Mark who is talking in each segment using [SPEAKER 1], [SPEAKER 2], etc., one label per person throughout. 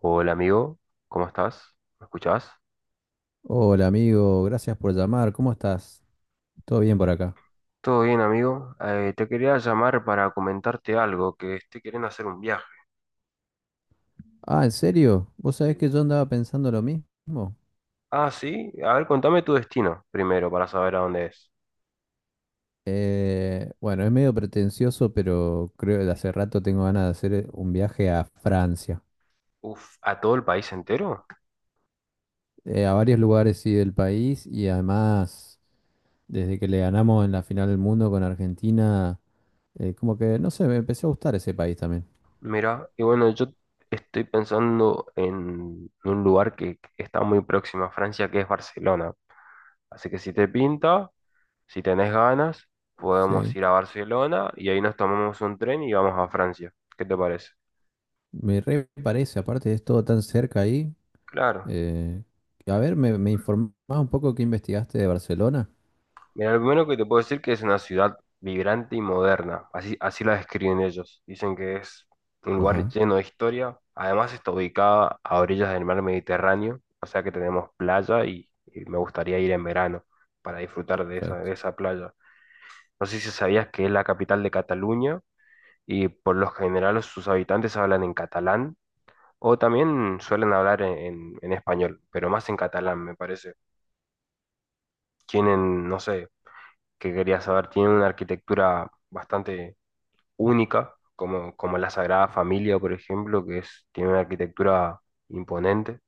[SPEAKER 1] Hola amigo, ¿cómo estás? ¿Me escuchás?
[SPEAKER 2] Hola amigo, gracias por llamar, ¿cómo estás? ¿Todo bien por acá?
[SPEAKER 1] Todo bien amigo. Te quería llamar para comentarte algo, que estoy queriendo hacer un viaje.
[SPEAKER 2] Ah, ¿en serio? ¿Vos sabés
[SPEAKER 1] Sí.
[SPEAKER 2] que yo andaba pensando lo mismo?
[SPEAKER 1] Ah, sí, a ver, contame tu destino primero para saber a dónde es.
[SPEAKER 2] Bueno, es medio pretencioso, pero creo que de hace rato tengo ganas de hacer un viaje a Francia,
[SPEAKER 1] Uf, ¿a todo el país entero?
[SPEAKER 2] a varios lugares sí del país. Y además, desde que le ganamos en la final del mundo con Argentina, como que no sé, me empezó a gustar ese país también.
[SPEAKER 1] Mira, y bueno, yo estoy pensando en un lugar que está muy próximo a Francia, que es Barcelona. Así que si te pinta, si tenés ganas, podemos
[SPEAKER 2] Sí,
[SPEAKER 1] ir a Barcelona y ahí nos tomamos un tren y vamos a Francia. ¿Qué te parece?
[SPEAKER 2] me re parece, aparte es todo tan cerca ahí.
[SPEAKER 1] Claro.
[SPEAKER 2] Eh, a ver, me informás un poco qué investigaste de Barcelona.
[SPEAKER 1] Mira, lo primero que te puedo decir que es una ciudad vibrante y moderna, así, así la describen ellos. Dicen que es un lugar
[SPEAKER 2] Ajá,
[SPEAKER 1] lleno de historia, además está ubicada a orillas del mar Mediterráneo, o sea que tenemos playa y, me gustaría ir en verano para disfrutar
[SPEAKER 2] perfecto.
[SPEAKER 1] de esa playa. No sé si sabías que es la capital de Cataluña y por lo general sus habitantes hablan en catalán o también suelen hablar en español, pero más en catalán me parece. Tienen, no sé que quería saber, tienen una arquitectura bastante única, como, como la Sagrada Familia, por ejemplo, que es, tiene una arquitectura imponente.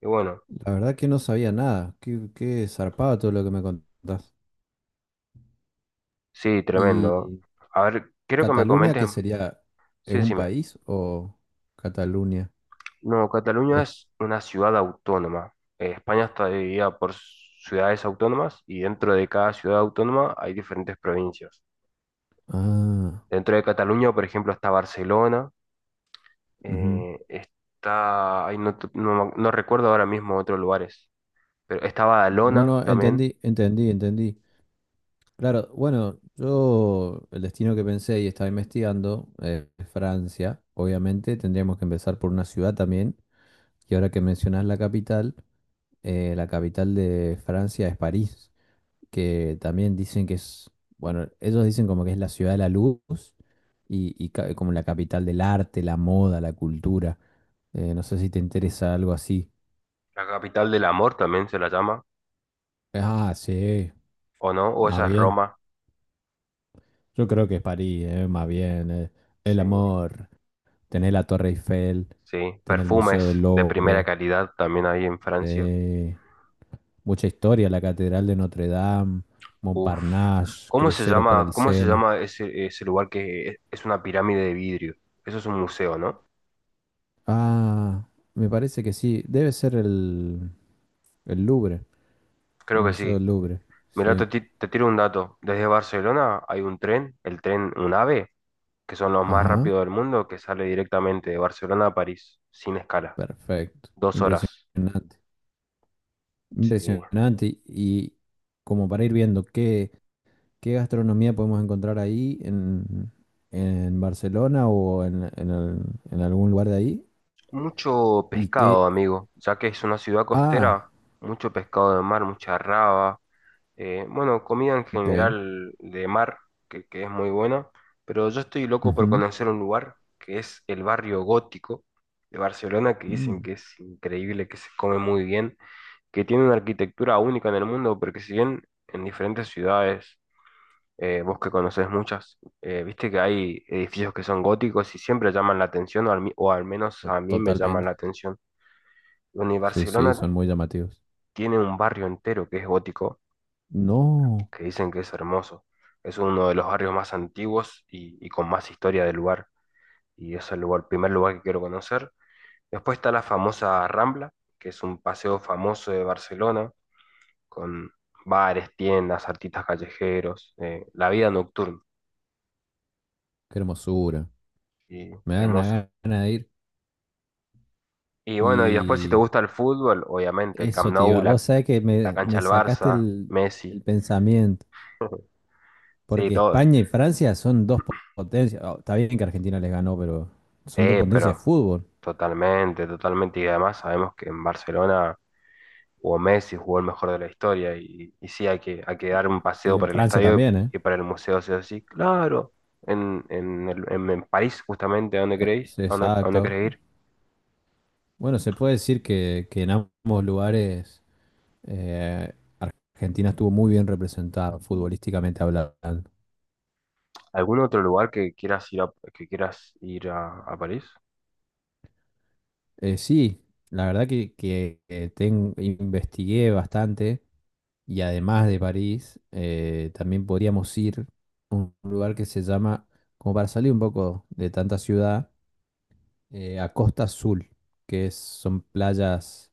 [SPEAKER 1] Y bueno,
[SPEAKER 2] La verdad que no sabía nada. Qué zarpado todo lo que me contás.
[SPEAKER 1] sí, tremendo.
[SPEAKER 2] ¿Y
[SPEAKER 1] A ver, quiero que me
[SPEAKER 2] Cataluña,
[SPEAKER 1] comentes,
[SPEAKER 2] qué sería? ¿Es
[SPEAKER 1] sí,
[SPEAKER 2] un
[SPEAKER 1] decime.
[SPEAKER 2] país o Cataluña?
[SPEAKER 1] No, Cataluña
[SPEAKER 2] O-
[SPEAKER 1] es una ciudad autónoma. España está dividida por ciudades autónomas y dentro de cada ciudad autónoma hay diferentes provincias.
[SPEAKER 2] ah,
[SPEAKER 1] Dentro de Cataluña, por ejemplo, está Barcelona,
[SPEAKER 2] ujú.
[SPEAKER 1] está, ay, no, no recuerdo ahora mismo otros lugares. Pero estaba
[SPEAKER 2] No,
[SPEAKER 1] Alona
[SPEAKER 2] no,
[SPEAKER 1] también.
[SPEAKER 2] entendí, entendí. Claro, bueno, yo el destino que pensé y estaba investigando es Francia. Obviamente tendríamos que empezar por una ciudad también. Y ahora que mencionás la capital, la capital de Francia es París, que también dicen que es, bueno, ellos dicen como que es la ciudad de la luz y como la capital del arte, la moda, la cultura. No sé si te interesa algo así.
[SPEAKER 1] La capital del amor también se la llama,
[SPEAKER 2] Ah, sí,
[SPEAKER 1] ¿o no? O
[SPEAKER 2] más
[SPEAKER 1] esa es
[SPEAKER 2] bien.
[SPEAKER 1] Roma.
[SPEAKER 2] Yo creo que es París, más bien. El
[SPEAKER 1] Sí,
[SPEAKER 2] amor, tener la Torre Eiffel,
[SPEAKER 1] sí.
[SPEAKER 2] tener el Museo
[SPEAKER 1] Perfumes
[SPEAKER 2] del
[SPEAKER 1] de primera
[SPEAKER 2] Louvre,
[SPEAKER 1] calidad también hay en Francia.
[SPEAKER 2] eh, mucha historia, la Catedral de Notre Dame,
[SPEAKER 1] Uf.
[SPEAKER 2] Montparnasse, cruceros por el
[SPEAKER 1] Cómo se
[SPEAKER 2] Sena.
[SPEAKER 1] llama ese, ese lugar que es una pirámide de vidrio? Eso es un museo, ¿no?
[SPEAKER 2] Ah, me parece que sí. El Louvre, el
[SPEAKER 1] Creo que
[SPEAKER 2] Museo
[SPEAKER 1] sí.
[SPEAKER 2] del Louvre.
[SPEAKER 1] Mira
[SPEAKER 2] Sí.
[SPEAKER 1] te tiro un dato. Desde Barcelona hay un tren, el tren UNAVE, que son los más
[SPEAKER 2] Ajá.
[SPEAKER 1] rápidos del mundo, que sale directamente de Barcelona a París, sin escala.
[SPEAKER 2] Perfecto.
[SPEAKER 1] Dos horas.
[SPEAKER 2] Impresionante.
[SPEAKER 1] Sí.
[SPEAKER 2] Impresionante. Y como para ir viendo qué gastronomía podemos encontrar ahí en Barcelona o en en algún lugar de ahí.
[SPEAKER 1] Mucho
[SPEAKER 2] Y
[SPEAKER 1] pescado,
[SPEAKER 2] qué...
[SPEAKER 1] amigo, ya que es una ciudad
[SPEAKER 2] Ah,
[SPEAKER 1] costera, mucho pescado de mar, mucha raba, bueno, comida en
[SPEAKER 2] ok.
[SPEAKER 1] general de mar, que es muy buena, pero yo estoy loco por
[SPEAKER 2] Ujú.
[SPEAKER 1] conocer un lugar que es el barrio gótico de Barcelona, que dicen
[SPEAKER 2] Mm,
[SPEAKER 1] que es increíble, que se come muy bien, que tiene una arquitectura única en el mundo, porque si bien en diferentes ciudades vos que conocés muchas, viste que hay edificios que son góticos y siempre llaman la atención, o al, o al menos a mí me llaman
[SPEAKER 2] totalmente.
[SPEAKER 1] la atención. Bueno, y
[SPEAKER 2] Sí, sí,
[SPEAKER 1] Barcelona
[SPEAKER 2] son muy llamativos.
[SPEAKER 1] tiene un barrio entero que es gótico,
[SPEAKER 2] No,
[SPEAKER 1] que dicen que es hermoso. Es uno de los barrios más antiguos y, con más historia del lugar. Y es el lugar, primer lugar que quiero conocer. Después está la famosa Rambla, que es un paseo famoso de Barcelona, con bares, tiendas, artistas callejeros, la vida nocturna.
[SPEAKER 2] qué hermosura.
[SPEAKER 1] Y
[SPEAKER 2] Me dan
[SPEAKER 1] hermoso.
[SPEAKER 2] una gana de ir.
[SPEAKER 1] Y bueno, y después si te
[SPEAKER 2] Y
[SPEAKER 1] gusta el fútbol, obviamente, el Camp
[SPEAKER 2] eso te
[SPEAKER 1] Nou,
[SPEAKER 2] iba.
[SPEAKER 1] la,
[SPEAKER 2] Vos sabés que
[SPEAKER 1] la
[SPEAKER 2] me,
[SPEAKER 1] cancha
[SPEAKER 2] me
[SPEAKER 1] del
[SPEAKER 2] sacaste
[SPEAKER 1] Barça, Messi,
[SPEAKER 2] el pensamiento,
[SPEAKER 1] sí,
[SPEAKER 2] porque
[SPEAKER 1] todo.
[SPEAKER 2] España y Francia son potencias. Oh, está bien que Argentina les ganó, pero
[SPEAKER 1] Sí,
[SPEAKER 2] son dos potencias de
[SPEAKER 1] pero
[SPEAKER 2] fútbol.
[SPEAKER 1] totalmente, totalmente. Y además sabemos que en Barcelona jugó Messi, jugó el mejor de la historia. Y sí, hay que dar un paseo
[SPEAKER 2] Y en
[SPEAKER 1] por el
[SPEAKER 2] Francia
[SPEAKER 1] estadio
[SPEAKER 2] también, ¿eh?
[SPEAKER 1] y para el museo, sí o sí. Claro, en París, justamente, ¿a dónde queréis?
[SPEAKER 2] Sí,
[SPEAKER 1] A dónde
[SPEAKER 2] exacto.
[SPEAKER 1] querés ir?
[SPEAKER 2] Bueno, se puede decir que, en ambos lugares eh, Argentina estuvo muy bien representada futbolísticamente hablando.
[SPEAKER 1] ¿Algún otro lugar que quieras ir a, que quieras ir a París?
[SPEAKER 2] Sí, la verdad que, que investigué bastante. Y además de París, también podríamos ir a un lugar que se llama, como para salir un poco de tanta ciudad, a Costa Azul, son playas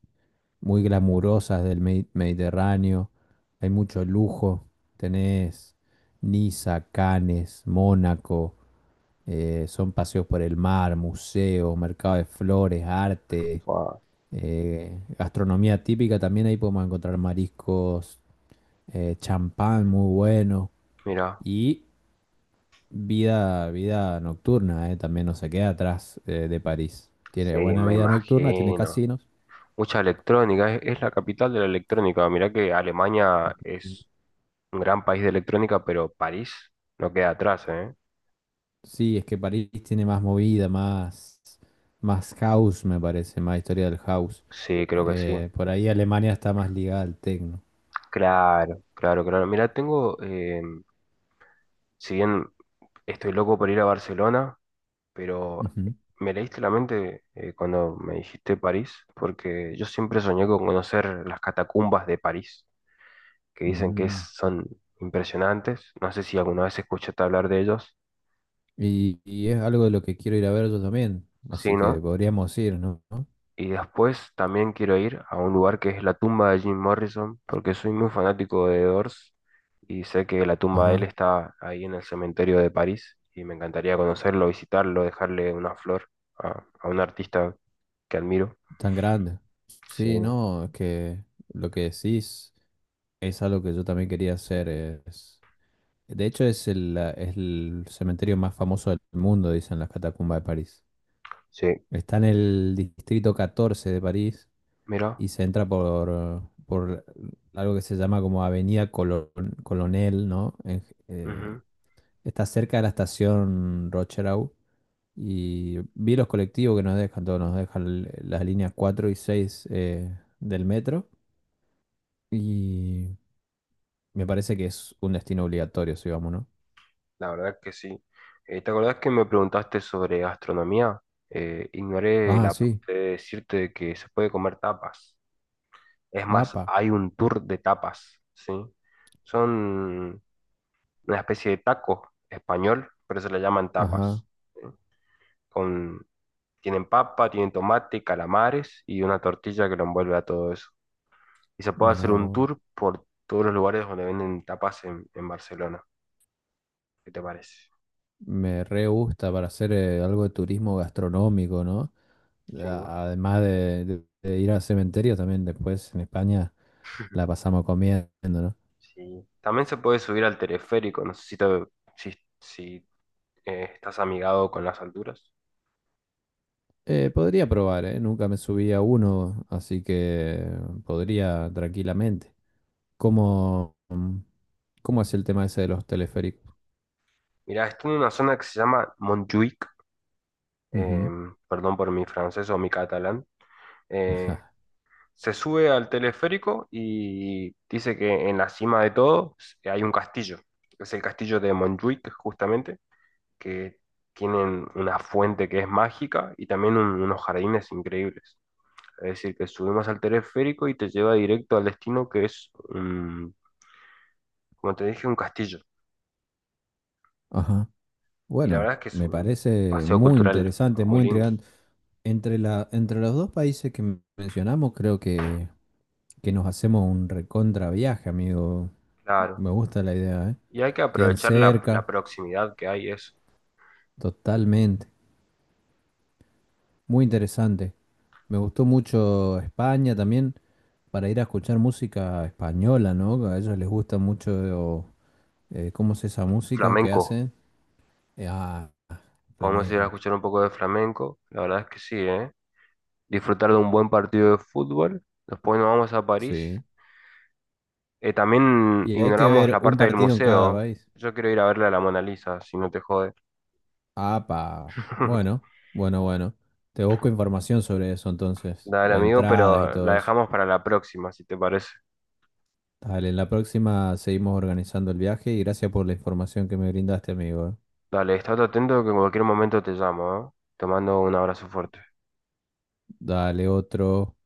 [SPEAKER 2] muy glamurosas del Mediterráneo, hay mucho lujo, tenés Niza, Cannes, Mónaco. Son paseos por el mar, museos, mercado de flores, arte,
[SPEAKER 1] Fua,
[SPEAKER 2] gastronomía típica. También ahí podemos encontrar mariscos, champán muy bueno
[SPEAKER 1] mira,
[SPEAKER 2] y vida nocturna. También no se queda atrás de París.
[SPEAKER 1] sí,
[SPEAKER 2] Tiene buena
[SPEAKER 1] me
[SPEAKER 2] vida nocturna, tiene
[SPEAKER 1] imagino.
[SPEAKER 2] casinos.
[SPEAKER 1] Mucha electrónica, es la capital de la electrónica. Mirá que Alemania es un gran país de electrónica, pero París no queda atrás, ¿eh?
[SPEAKER 2] Sí, es que París tiene más movida, más, más house, me parece, más historia del house.
[SPEAKER 1] Sí, creo que sí.
[SPEAKER 2] Por ahí Alemania está más ligada al techno.
[SPEAKER 1] Claro, claro, claro. Mirá, tengo, si bien estoy loco por ir a Barcelona, pero
[SPEAKER 2] Ujú.
[SPEAKER 1] me leíste la mente cuando me dijiste París, porque yo siempre soñé con conocer las catacumbas de París, que dicen que
[SPEAKER 2] Mm.
[SPEAKER 1] son impresionantes. No sé si alguna vez escuchaste hablar de ellos.
[SPEAKER 2] Y es algo de lo que quiero ir a ver yo también,
[SPEAKER 1] Sí,
[SPEAKER 2] así que
[SPEAKER 1] ¿no?
[SPEAKER 2] podríamos ir, ¿no? ¿No?
[SPEAKER 1] Y después también quiero ir a un lugar que es la tumba de Jim Morrison, porque soy muy fanático de The Doors y sé que la tumba de él
[SPEAKER 2] Ajá,
[SPEAKER 1] está ahí en el cementerio de París y me encantaría conocerlo, visitarlo, dejarle una flor a un artista que admiro.
[SPEAKER 2] tan grande.
[SPEAKER 1] Sí,
[SPEAKER 2] Sí, no, es que lo que decís es algo que yo también quería hacer. Es... De hecho, es es el cementerio más famoso del mundo, dicen las catacumbas de París.
[SPEAKER 1] sí,
[SPEAKER 2] Está en el distrito 14 de París
[SPEAKER 1] mira,
[SPEAKER 2] y se entra por algo que se llama como Colonel, ¿no? Eh,
[SPEAKER 1] ujú.
[SPEAKER 2] Está cerca de la estación Rocherau y vi los colectivos que nos dejan, todos nos dejan las líneas 4 y 6 del metro. Y me parece que es un destino obligatorio, si vamos, ¿no?
[SPEAKER 1] La verdad que sí. ¿Te acordás que me preguntaste sobre gastronomía? Ignoré
[SPEAKER 2] Ah,
[SPEAKER 1] la
[SPEAKER 2] sí.
[SPEAKER 1] parte de decirte que se puede comer tapas. Es más,
[SPEAKER 2] ¡Apa!
[SPEAKER 1] hay un tour de tapas, ¿sí? Son una especie de taco español, pero se le llaman
[SPEAKER 2] Ajá.
[SPEAKER 1] tapas. ¿Sí? Con, tienen papa, tienen tomate, calamares y una tortilla que lo envuelve a todo eso. Y se puede
[SPEAKER 2] Mira
[SPEAKER 1] hacer un
[SPEAKER 2] vos.
[SPEAKER 1] tour por todos los lugares donde venden tapas en Barcelona. ¿Qué te parece?
[SPEAKER 2] Me re gusta para hacer algo de turismo gastronómico, ¿no?
[SPEAKER 1] Sí,
[SPEAKER 2] Además de, de ir al cementerio, también después en España la pasamos comiendo, ¿no?
[SPEAKER 1] sí. También se puede subir al teleférico, no sé si, si estás amigado con las alturas.
[SPEAKER 2] Podría probar, ¿eh? Nunca me subí a uno, así que podría tranquilamente. ¿Cómo, ¿cómo es el tema ese de los teleféricos?
[SPEAKER 1] Mira, estoy en una zona que se llama Montjuïc, eh,
[SPEAKER 2] Ujú.
[SPEAKER 1] perdón por mi francés o mi catalán, eh, se sube al teleférico y dice que en la cima de todo hay un castillo, es el castillo de Montjuic justamente, que tienen una fuente que es mágica y también unos jardines increíbles. Es decir, que subimos al teleférico y te lleva directo al destino que como te dije, un castillo.
[SPEAKER 2] Ajá.
[SPEAKER 1] Y la verdad es
[SPEAKER 2] Bueno,
[SPEAKER 1] que es
[SPEAKER 2] me
[SPEAKER 1] un
[SPEAKER 2] parece
[SPEAKER 1] paseo
[SPEAKER 2] muy
[SPEAKER 1] cultural
[SPEAKER 2] interesante,
[SPEAKER 1] muy
[SPEAKER 2] muy
[SPEAKER 1] lindo.
[SPEAKER 2] intrigante. Entre los dos países que mencionamos, creo que nos hacemos un recontra viaje, amigo.
[SPEAKER 1] Claro.
[SPEAKER 2] Me gusta la idea, ¿eh?
[SPEAKER 1] Y hay que
[SPEAKER 2] Quedan
[SPEAKER 1] aprovechar la, la
[SPEAKER 2] cerca,
[SPEAKER 1] proximidad que hay, eso.
[SPEAKER 2] totalmente. Muy interesante. Me gustó mucho España también, para ir a escuchar música española, ¿no? A ellos les gusta mucho cómo es esa música que
[SPEAKER 1] Flamenco.
[SPEAKER 2] hacen. Eh, ah,
[SPEAKER 1] Podemos ir a
[SPEAKER 2] Flamenco.
[SPEAKER 1] escuchar un poco de flamenco. La verdad es que sí, ¿eh? Disfrutar de un buen partido de fútbol. Después nos vamos a París.
[SPEAKER 2] Sí.
[SPEAKER 1] También
[SPEAKER 2] Y hay que
[SPEAKER 1] ignoramos
[SPEAKER 2] ver
[SPEAKER 1] la
[SPEAKER 2] un
[SPEAKER 1] parte del
[SPEAKER 2] partido en cada
[SPEAKER 1] museo.
[SPEAKER 2] país.
[SPEAKER 1] Yo quiero ir a verle a la Mona Lisa, si no te jode.
[SPEAKER 2] Apa. Bueno, bueno. Te busco información sobre eso entonces,
[SPEAKER 1] Dale,
[SPEAKER 2] las
[SPEAKER 1] amigo,
[SPEAKER 2] entradas y
[SPEAKER 1] pero la
[SPEAKER 2] todo eso.
[SPEAKER 1] dejamos para la próxima, si te parece.
[SPEAKER 2] Dale, en la próxima seguimos organizando el viaje, y gracias por la información que me brindaste, amigo.
[SPEAKER 1] Dale, estate atento que en cualquier momento te llamo, ¿eh? Te mando un abrazo fuerte.
[SPEAKER 2] Dale otro.